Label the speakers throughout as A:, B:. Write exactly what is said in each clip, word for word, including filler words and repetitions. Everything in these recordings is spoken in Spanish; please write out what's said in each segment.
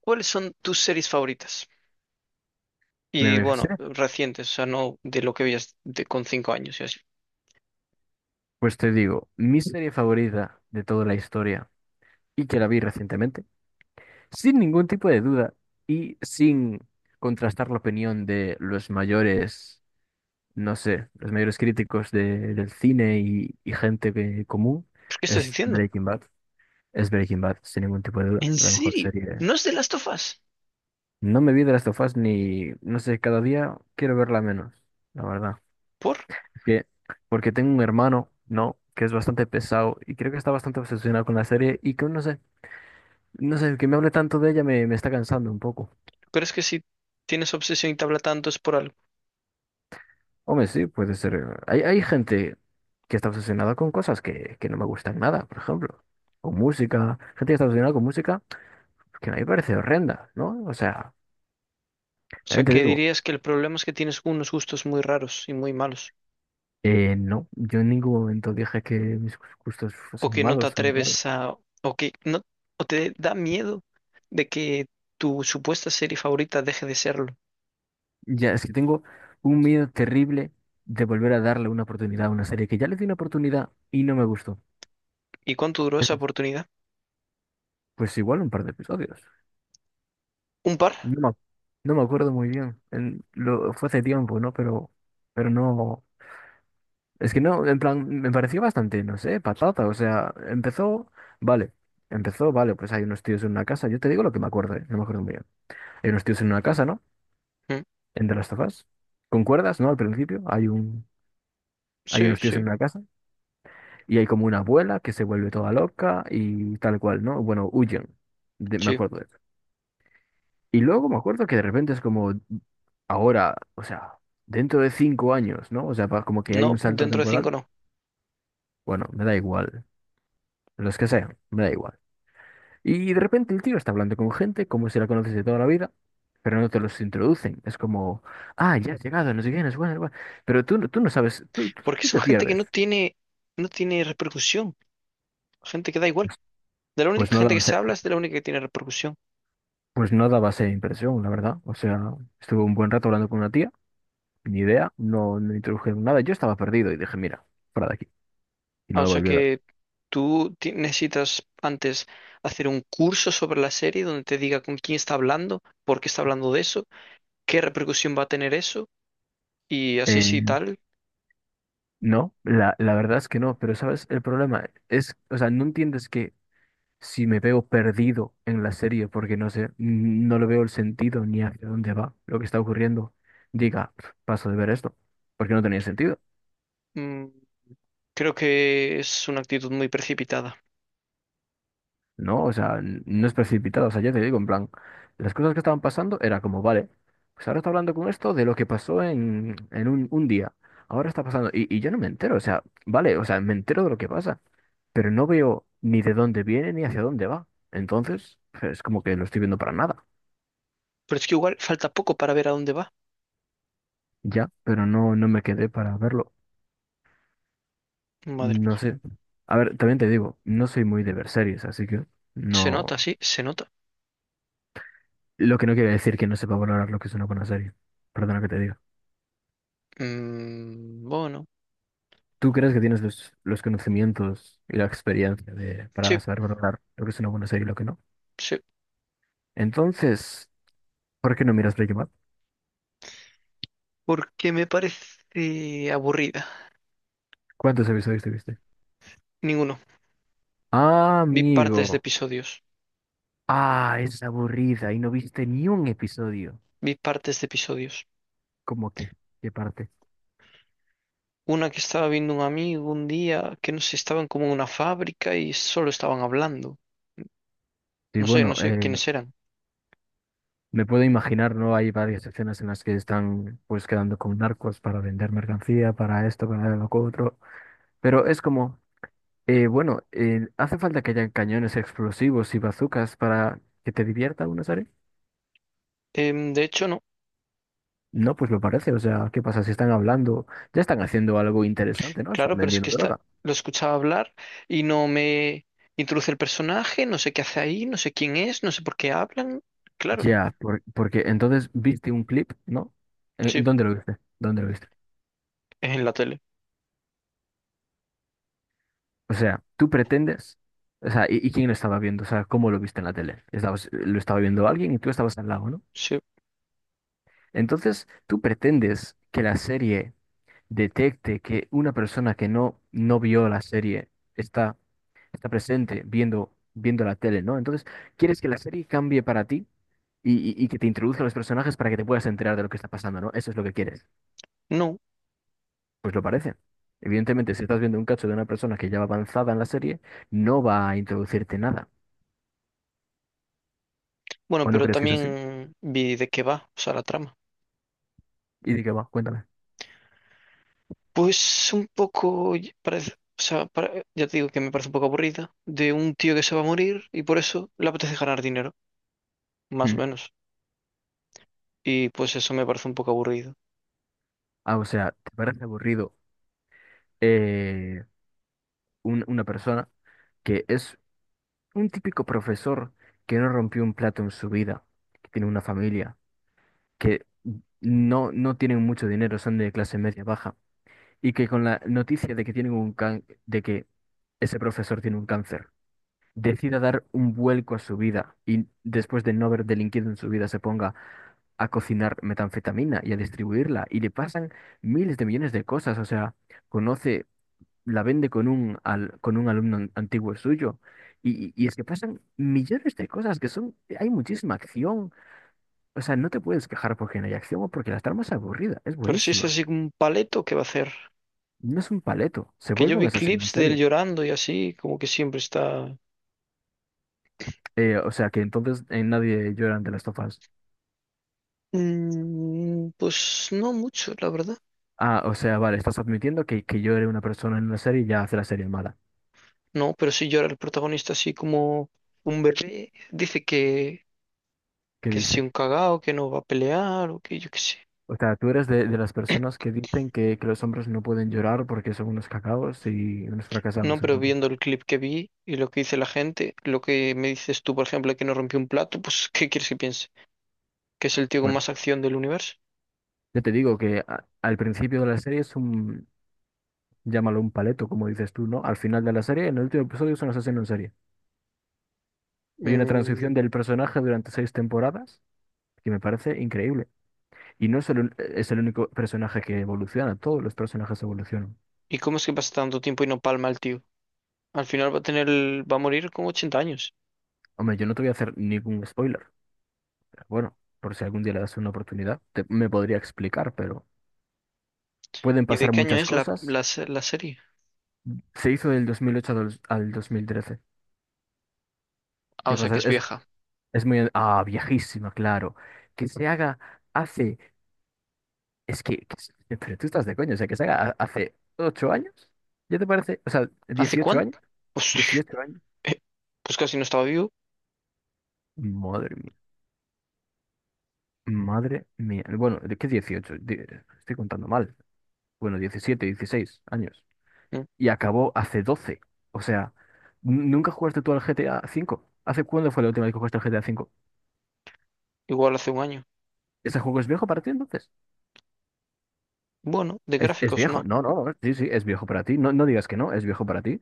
A: ¿Cuáles son tus series favoritas?
B: Mira,
A: Y
B: me dices,
A: bueno,
B: "Eh,
A: recientes, o sea, no de lo que veías de, con cinco años y así.
B: pues te digo, mi serie favorita de toda la historia y que la vi recientemente, sin ningún tipo de duda y sin contrastar la opinión de los mayores, no sé, los mayores críticos de- del cine y, y gente que- común,
A: ¿Pero qué estás
B: es
A: diciendo?
B: Breaking Bad. Es Breaking Bad, sin ningún tipo de duda,
A: ¿En
B: la mejor
A: serio?
B: serie.
A: ¿No es de Last of Us?
B: No me vi de las of Us ni, no sé, cada día quiero verla menos, la verdad.
A: ¿Por?
B: Que Porque tengo un hermano, ¿no? Que es bastante pesado y creo que está bastante obsesionado con la serie y que no sé, no sé, que me hable tanto de ella me, me está cansando un poco.
A: Pero es que si tienes obsesión y te habla tanto es por algo.
B: Hombre, sí, puede ser. eh, Hay, hay gente que está obsesionada con cosas que, que no me gustan nada, por ejemplo, con música. Gente que está obsesionada con música que a mí me parece horrenda, ¿no? O sea,
A: O sea,
B: también te
A: que
B: digo,
A: dirías que el problema es que tienes unos gustos muy raros y muy malos.
B: eh, no, yo en ningún momento dije que mis gustos
A: O
B: fuesen
A: que no te
B: malos o malos.
A: atreves a... O que no... O te da miedo de que tu supuesta serie favorita deje de serlo.
B: Ya, es que tengo un miedo terrible de volver a darle una oportunidad a una serie que ya le di una oportunidad y no me gustó.
A: ¿Y cuánto duró
B: Es,
A: esa oportunidad?
B: pues igual un par de episodios.
A: ¿Un par?
B: No, me ac- no me acuerdo muy bien. En- lo, fue hace tiempo, ¿no? Pero, pero no. Es que no, en plan, me pareció bastante, no sé, patata. O sea, empezó, vale. Empezó, vale, pues hay unos tíos en una casa. Yo te digo lo que me acuerdo, ¿eh? No me acuerdo muy bien. Hay unos tíos en una casa, ¿no?
A: Mm,
B: En The Last of Us. ¿Concuerdas, no? Al principio hay un, hay
A: Sí,
B: unos tíos en
A: sí,
B: una casa. Y hay como una abuela que se vuelve toda loca y tal cual, ¿no? Bueno, huyen. De- me
A: sí.
B: acuerdo de eso. Y luego me acuerdo que de repente es como ahora, o sea, dentro de cinco años, ¿no? O sea, pa- como que hay un
A: No,
B: salto
A: dentro de cinco
B: temporal.
A: no.
B: Bueno, me da igual. Los que sean, me da igual. Y de repente el tío está hablando con gente como si la conoces de toda la vida, pero no te los introducen. Es como, ah, ya has llegado, no sé qué, no sé cuál, no sé cuál". Pero tú, no- tú no sabes, tú, tú
A: Porque
B: tú
A: son
B: te
A: gente que
B: pierdes.
A: no tiene, no tiene repercusión, gente que da igual.
B: Pues
A: De la
B: pues
A: única
B: no da,
A: gente que se habla es de la única que tiene repercusión.
B: Pues no daba esa impresión, la verdad. O sea, estuve un buen rato hablando con una tía, ni idea, no, no introdujeron nada. Yo estaba perdido y dije, mira, fuera de aquí. Y
A: Ah,
B: no
A: o
B: lo
A: sea
B: volví a ver.
A: que tú ti- necesitas antes hacer un curso sobre la serie donde te diga con quién está hablando, por qué está hablando de eso, qué repercusión va a tener eso, y así
B: Eh,
A: sí tal.
B: no, la, la verdad es que no, pero ¿sabes? El problema es, o sea, no entiendes que si me veo perdido en la serie porque no sé, n- no le veo el sentido ni hacia dónde va lo que está ocurriendo, diga, "Pf, paso de ver esto, porque no tenía sentido.
A: Mm, creo que es una actitud muy precipitada.
B: No, o sea, n- no es precipitado. O sea, ya te digo, en plan, las cosas que estaban pasando era como, vale, pues ahora está hablando con esto de lo que pasó en, en un, un día. Ahora está pasando. Y, y yo no me entero, o sea, vale, o sea, me entero de lo que pasa, pero no veo ni de dónde viene ni hacia dónde va. Entonces, es como que lo estoy viendo para nada.
A: Pero es que igual falta poco para ver a dónde va.
B: Ya, pero no, no me quedé para verlo.
A: Madre
B: No
A: mía.
B: sé. A ver, también te digo, no soy muy de ver series, así que
A: Se nota,
B: no.
A: sí, se nota.
B: Lo que no quiere decir que no sepa valorar lo que es una buena serie. Perdona que te diga.
A: Mm, bueno,
B: ¿Tú crees que tienes los, los conocimientos y la experiencia de, para
A: sí.
B: saber valorar lo que es una buena serie y lo que no?
A: Sí.
B: Entonces, ¿por qué no miras Breaking Bad?
A: Porque me parece aburrida.
B: ¿Cuántos episodios te viste?
A: Ninguno.
B: Ah,
A: Vi partes de
B: amigo.
A: episodios.
B: Ah, es aburrida y no viste ni un episodio.
A: Vi partes de episodios.
B: ¿Cómo que? ¿Qué parte?
A: Una que estaba viendo un amigo un día, que no sé, estaban como en una fábrica y solo estaban hablando.
B: Sí,
A: No sé,
B: bueno,
A: no sé
B: eh,
A: quiénes eran.
B: me puedo imaginar, ¿no? Hay varias escenas en las que están pues quedando con narcos para vender mercancía, para esto, para lo otro. Pero es como, Eh, bueno, eh, ¿hace falta que hayan cañones explosivos y bazucas para que te divierta una serie?
A: Em, de hecho, no,
B: No, pues me parece. O sea, ¿qué pasa? Si están hablando, ya están haciendo algo interesante, ¿no? Están
A: claro, pero es
B: vendiendo
A: que esta,
B: droga.
A: lo escuchaba hablar y no me introduce el personaje, no sé qué hace ahí, no sé quién es, no sé por qué hablan. Claro,
B: Ya, por- porque entonces viste un clip, ¿no? Eh,
A: sí,
B: ¿dónde lo viste? ¿Dónde lo viste?
A: es en la tele.
B: O sea, tú pretendes. O sea, ¿y, y quién lo estaba viendo? O sea, ¿cómo lo viste en la tele? Estabas, lo estaba viendo alguien y tú estabas al lado, ¿no?
A: Sí,
B: Entonces, tú pretendes que la serie detecte que una persona que no, no vio la serie está está presente viendo, viendo la tele, ¿no? Entonces, quieres que la serie cambie para ti y, y- y que te introduzca a los personajes para que te puedas enterar de lo que está pasando, ¿no? Eso es lo que quieres.
A: no.
B: Pues lo parece. Evidentemente, si estás viendo un cacho de una persona que ya va avanzada en la serie, no va a introducirte nada.
A: Bueno,
B: ¿O no
A: pero
B: crees que es así?
A: también vi de qué va, o sea, la trama.
B: ¿Y de qué va? Cuéntame.
A: Pues un poco, y- parece, o sea, para- ya te digo que me parece un poco aburrida, de un tío que se va a morir y por eso le apetece ganar dinero, más o
B: Mm.
A: menos. Y pues eso me parece un poco aburrido.
B: Ah, o sea, ¿te parece aburrido eh, un- una persona que es un típico profesor que no rompió un plato en su vida, que tiene una familia? Que no, no tienen mucho dinero, son de clase media baja, y que con la noticia de que tienen un can- de que ese profesor tiene un cáncer, decida dar un vuelco a su vida y después de no haber delinquido en su vida se ponga a cocinar metanfetamina y a distribuirla y le pasan miles de millones de cosas, o sea, conoce, la vende con un al- con un alumno an- antiguo suyo y, y y es que pasan millones de cosas que son, hay muchísima acción, o sea, no te puedes quejar porque no hay acción o porque la trama es aburrida, es
A: Pero si es
B: buenísima.
A: así como un paleto, ¿qué va a hacer?
B: No es un paleto, se
A: Que yo
B: vuelve un
A: vi
B: asesino en
A: clips de él
B: serie.
A: llorando y así, como que siempre está...
B: Eh, o sea, que entonces eh, nadie llora ante las tofas.
A: Mm, pues no mucho, la verdad.
B: Ah, o sea, vale, estás admitiendo que, que llore una persona en una serie y ya hace la serie mala.
A: No, pero sí llora el protagonista así como un bebé. Dice que,
B: ¿Qué
A: que es así
B: dice?
A: un cagao, que no va a pelear o que yo qué sé.
B: O sea, tú eres de, de las personas que dicen que, que los hombres no pueden llorar porque son unos cacaos y unos
A: No,
B: fracasados.
A: pero
B: Entonces,
A: viendo el clip que vi y lo que dice la gente, lo que me dices tú, por ejemplo, que no rompió un plato, pues ¿qué quieres que piense? ¿Que es el tío con
B: bueno,
A: más acción del universo?
B: yo te digo que a- al principio de la serie es un, llámalo un paleto, como dices tú, ¿no? Al final de la serie, en el último episodio es un asesino en serie. Hay una transición
A: Mm,
B: del personaje durante seis temporadas que me parece increíble. Y no es el, un- es el único personaje que evoluciona, todos los personajes evolucionan.
A: ¿y cómo es que pasa tanto tiempo y no palma el tío? Al final va a tener, el- va a morir con ochenta años.
B: Hombre, yo no te voy a hacer ningún spoiler, pero bueno, por si algún día le das una oportunidad, te- me podría explicar, pero pueden
A: ¿Y de
B: pasar
A: qué año
B: muchas
A: es la,
B: cosas.
A: la, se- la serie?
B: Se hizo del dos mil ocho al, dos- al dos mil trece.
A: Ah, o
B: ¿Qué
A: sea que
B: pasa?
A: es
B: Es,
A: vieja.
B: es muy... Ah, viejísima, claro. Que se haga hace... Es que... que se- pero tú estás de coño, o sea, que se haga ha- hace ocho años. ¿Ya te parece? O sea,
A: ¿Hace
B: dieciocho años.
A: cuánto? Pues,
B: Dieciocho años.
A: eh, pues casi no estaba vivo.
B: Madre mía. Madre mía. Bueno, ¿de qué dieciocho Di- estoy contando mal. Bueno, diecisiete dieciséis años.
A: Mm,
B: Y acabó hace doce. O sea, n- ¿nunca jugaste tú al G T A cinco? ¿Hace cuándo fue la última vez que jugaste al G T A cinco?
A: igual hace un año.
B: ¿Ese juego es viejo para ti entonces?
A: Bueno, de
B: ¿Es, ¿es
A: gráficos
B: viejo?
A: no.
B: No, no, no, sí, sí, es viejo para ti. No, no digas que no, es viejo para ti.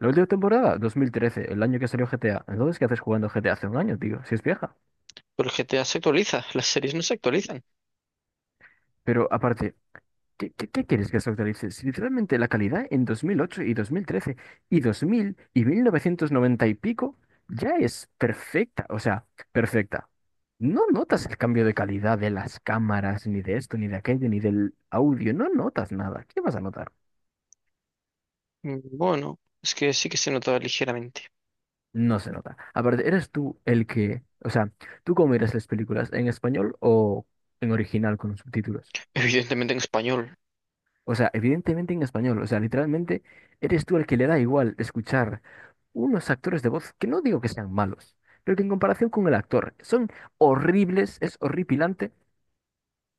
B: La última temporada, dos mil trece el año que salió G T A. Entonces, ¿qué haces jugando G T A hace un año, tío? Si es vieja.
A: Pero el G T A se actualiza, las series no se actualizan.
B: Pero aparte, ¿Qué, qué, ¿qué quieres que se actualice? Si literalmente la calidad en dos mil ocho y dos mil trece y dos mil y mil novecientos noventa y pico ya es perfecta, o sea, perfecta. No notas el cambio de calidad de las cámaras, ni de esto, ni de aquello, ni del audio, no notas nada. ¿Qué vas a notar?
A: Mm, bueno, es que sí que se nota ligeramente.
B: No se nota. Aparte, eres tú el que, o sea, ¿tú cómo miras las películas? ¿En español o en original con los subtítulos?
A: Evidentemente en español.
B: O sea, evidentemente en español, o sea, literalmente eres tú el que le da igual escuchar unos actores de voz que no digo que sean malos, pero que en comparación con el actor son horribles, es horripilante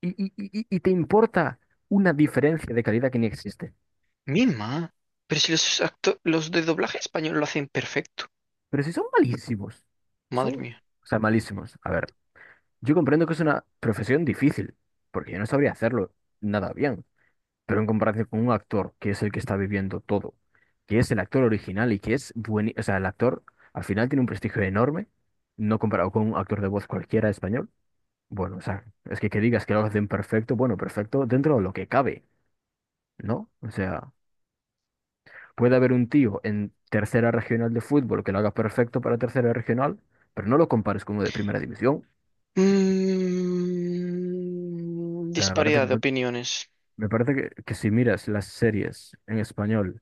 B: y, y- y- y- y te importa una diferencia de calidad que ni existe.
A: Misma. Pero si los acto- los de doblaje español lo hacen perfecto.
B: Pero si son malísimos,
A: Madre
B: son,
A: mía.
B: o sea, malísimos. A ver, yo comprendo que es una profesión difícil, porque yo no sabría hacerlo nada bien, pero en comparación con un actor que es el que está viviendo todo, que es el actor original y que es bueno, o sea, el actor al final tiene un prestigio enorme, no comparado con un actor de voz cualquiera español. Bueno, o sea, es que que digas que lo hacen perfecto, bueno, perfecto dentro de lo que cabe, ¿no? O sea, puede haber un tío en tercera regional de fútbol que lo haga perfecto para tercera regional, pero no lo compares con uno de primera división. O
A: Mm,
B: sea, me parece que,
A: disparidad de
B: no-
A: opiniones.
B: me parece que, que si miras las series en español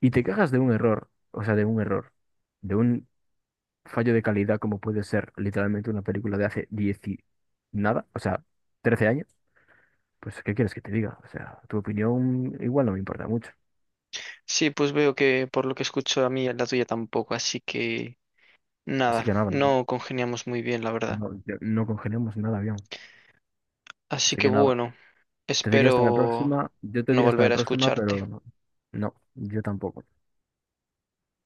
B: y te quejas de un error, o sea, de un error, de un fallo de calidad como puede ser literalmente una película de hace diez y nada, o sea, trece años, pues ¿qué quieres que te diga? O sea, tu opinión igual no me importa mucho.
A: Sí, pues veo que por lo que escucho a mí, la tuya tampoco. Así que
B: Así
A: nada,
B: que nada.
A: no congeniamos muy bien, la verdad.
B: No, yo- no congelamos nada bien.
A: Así
B: Así
A: que
B: que nada,
A: bueno,
B: te diría hasta la
A: espero
B: próxima. Yo te
A: no
B: diría hasta la
A: volver a
B: próxima,
A: escucharte.
B: pero no, yo tampoco.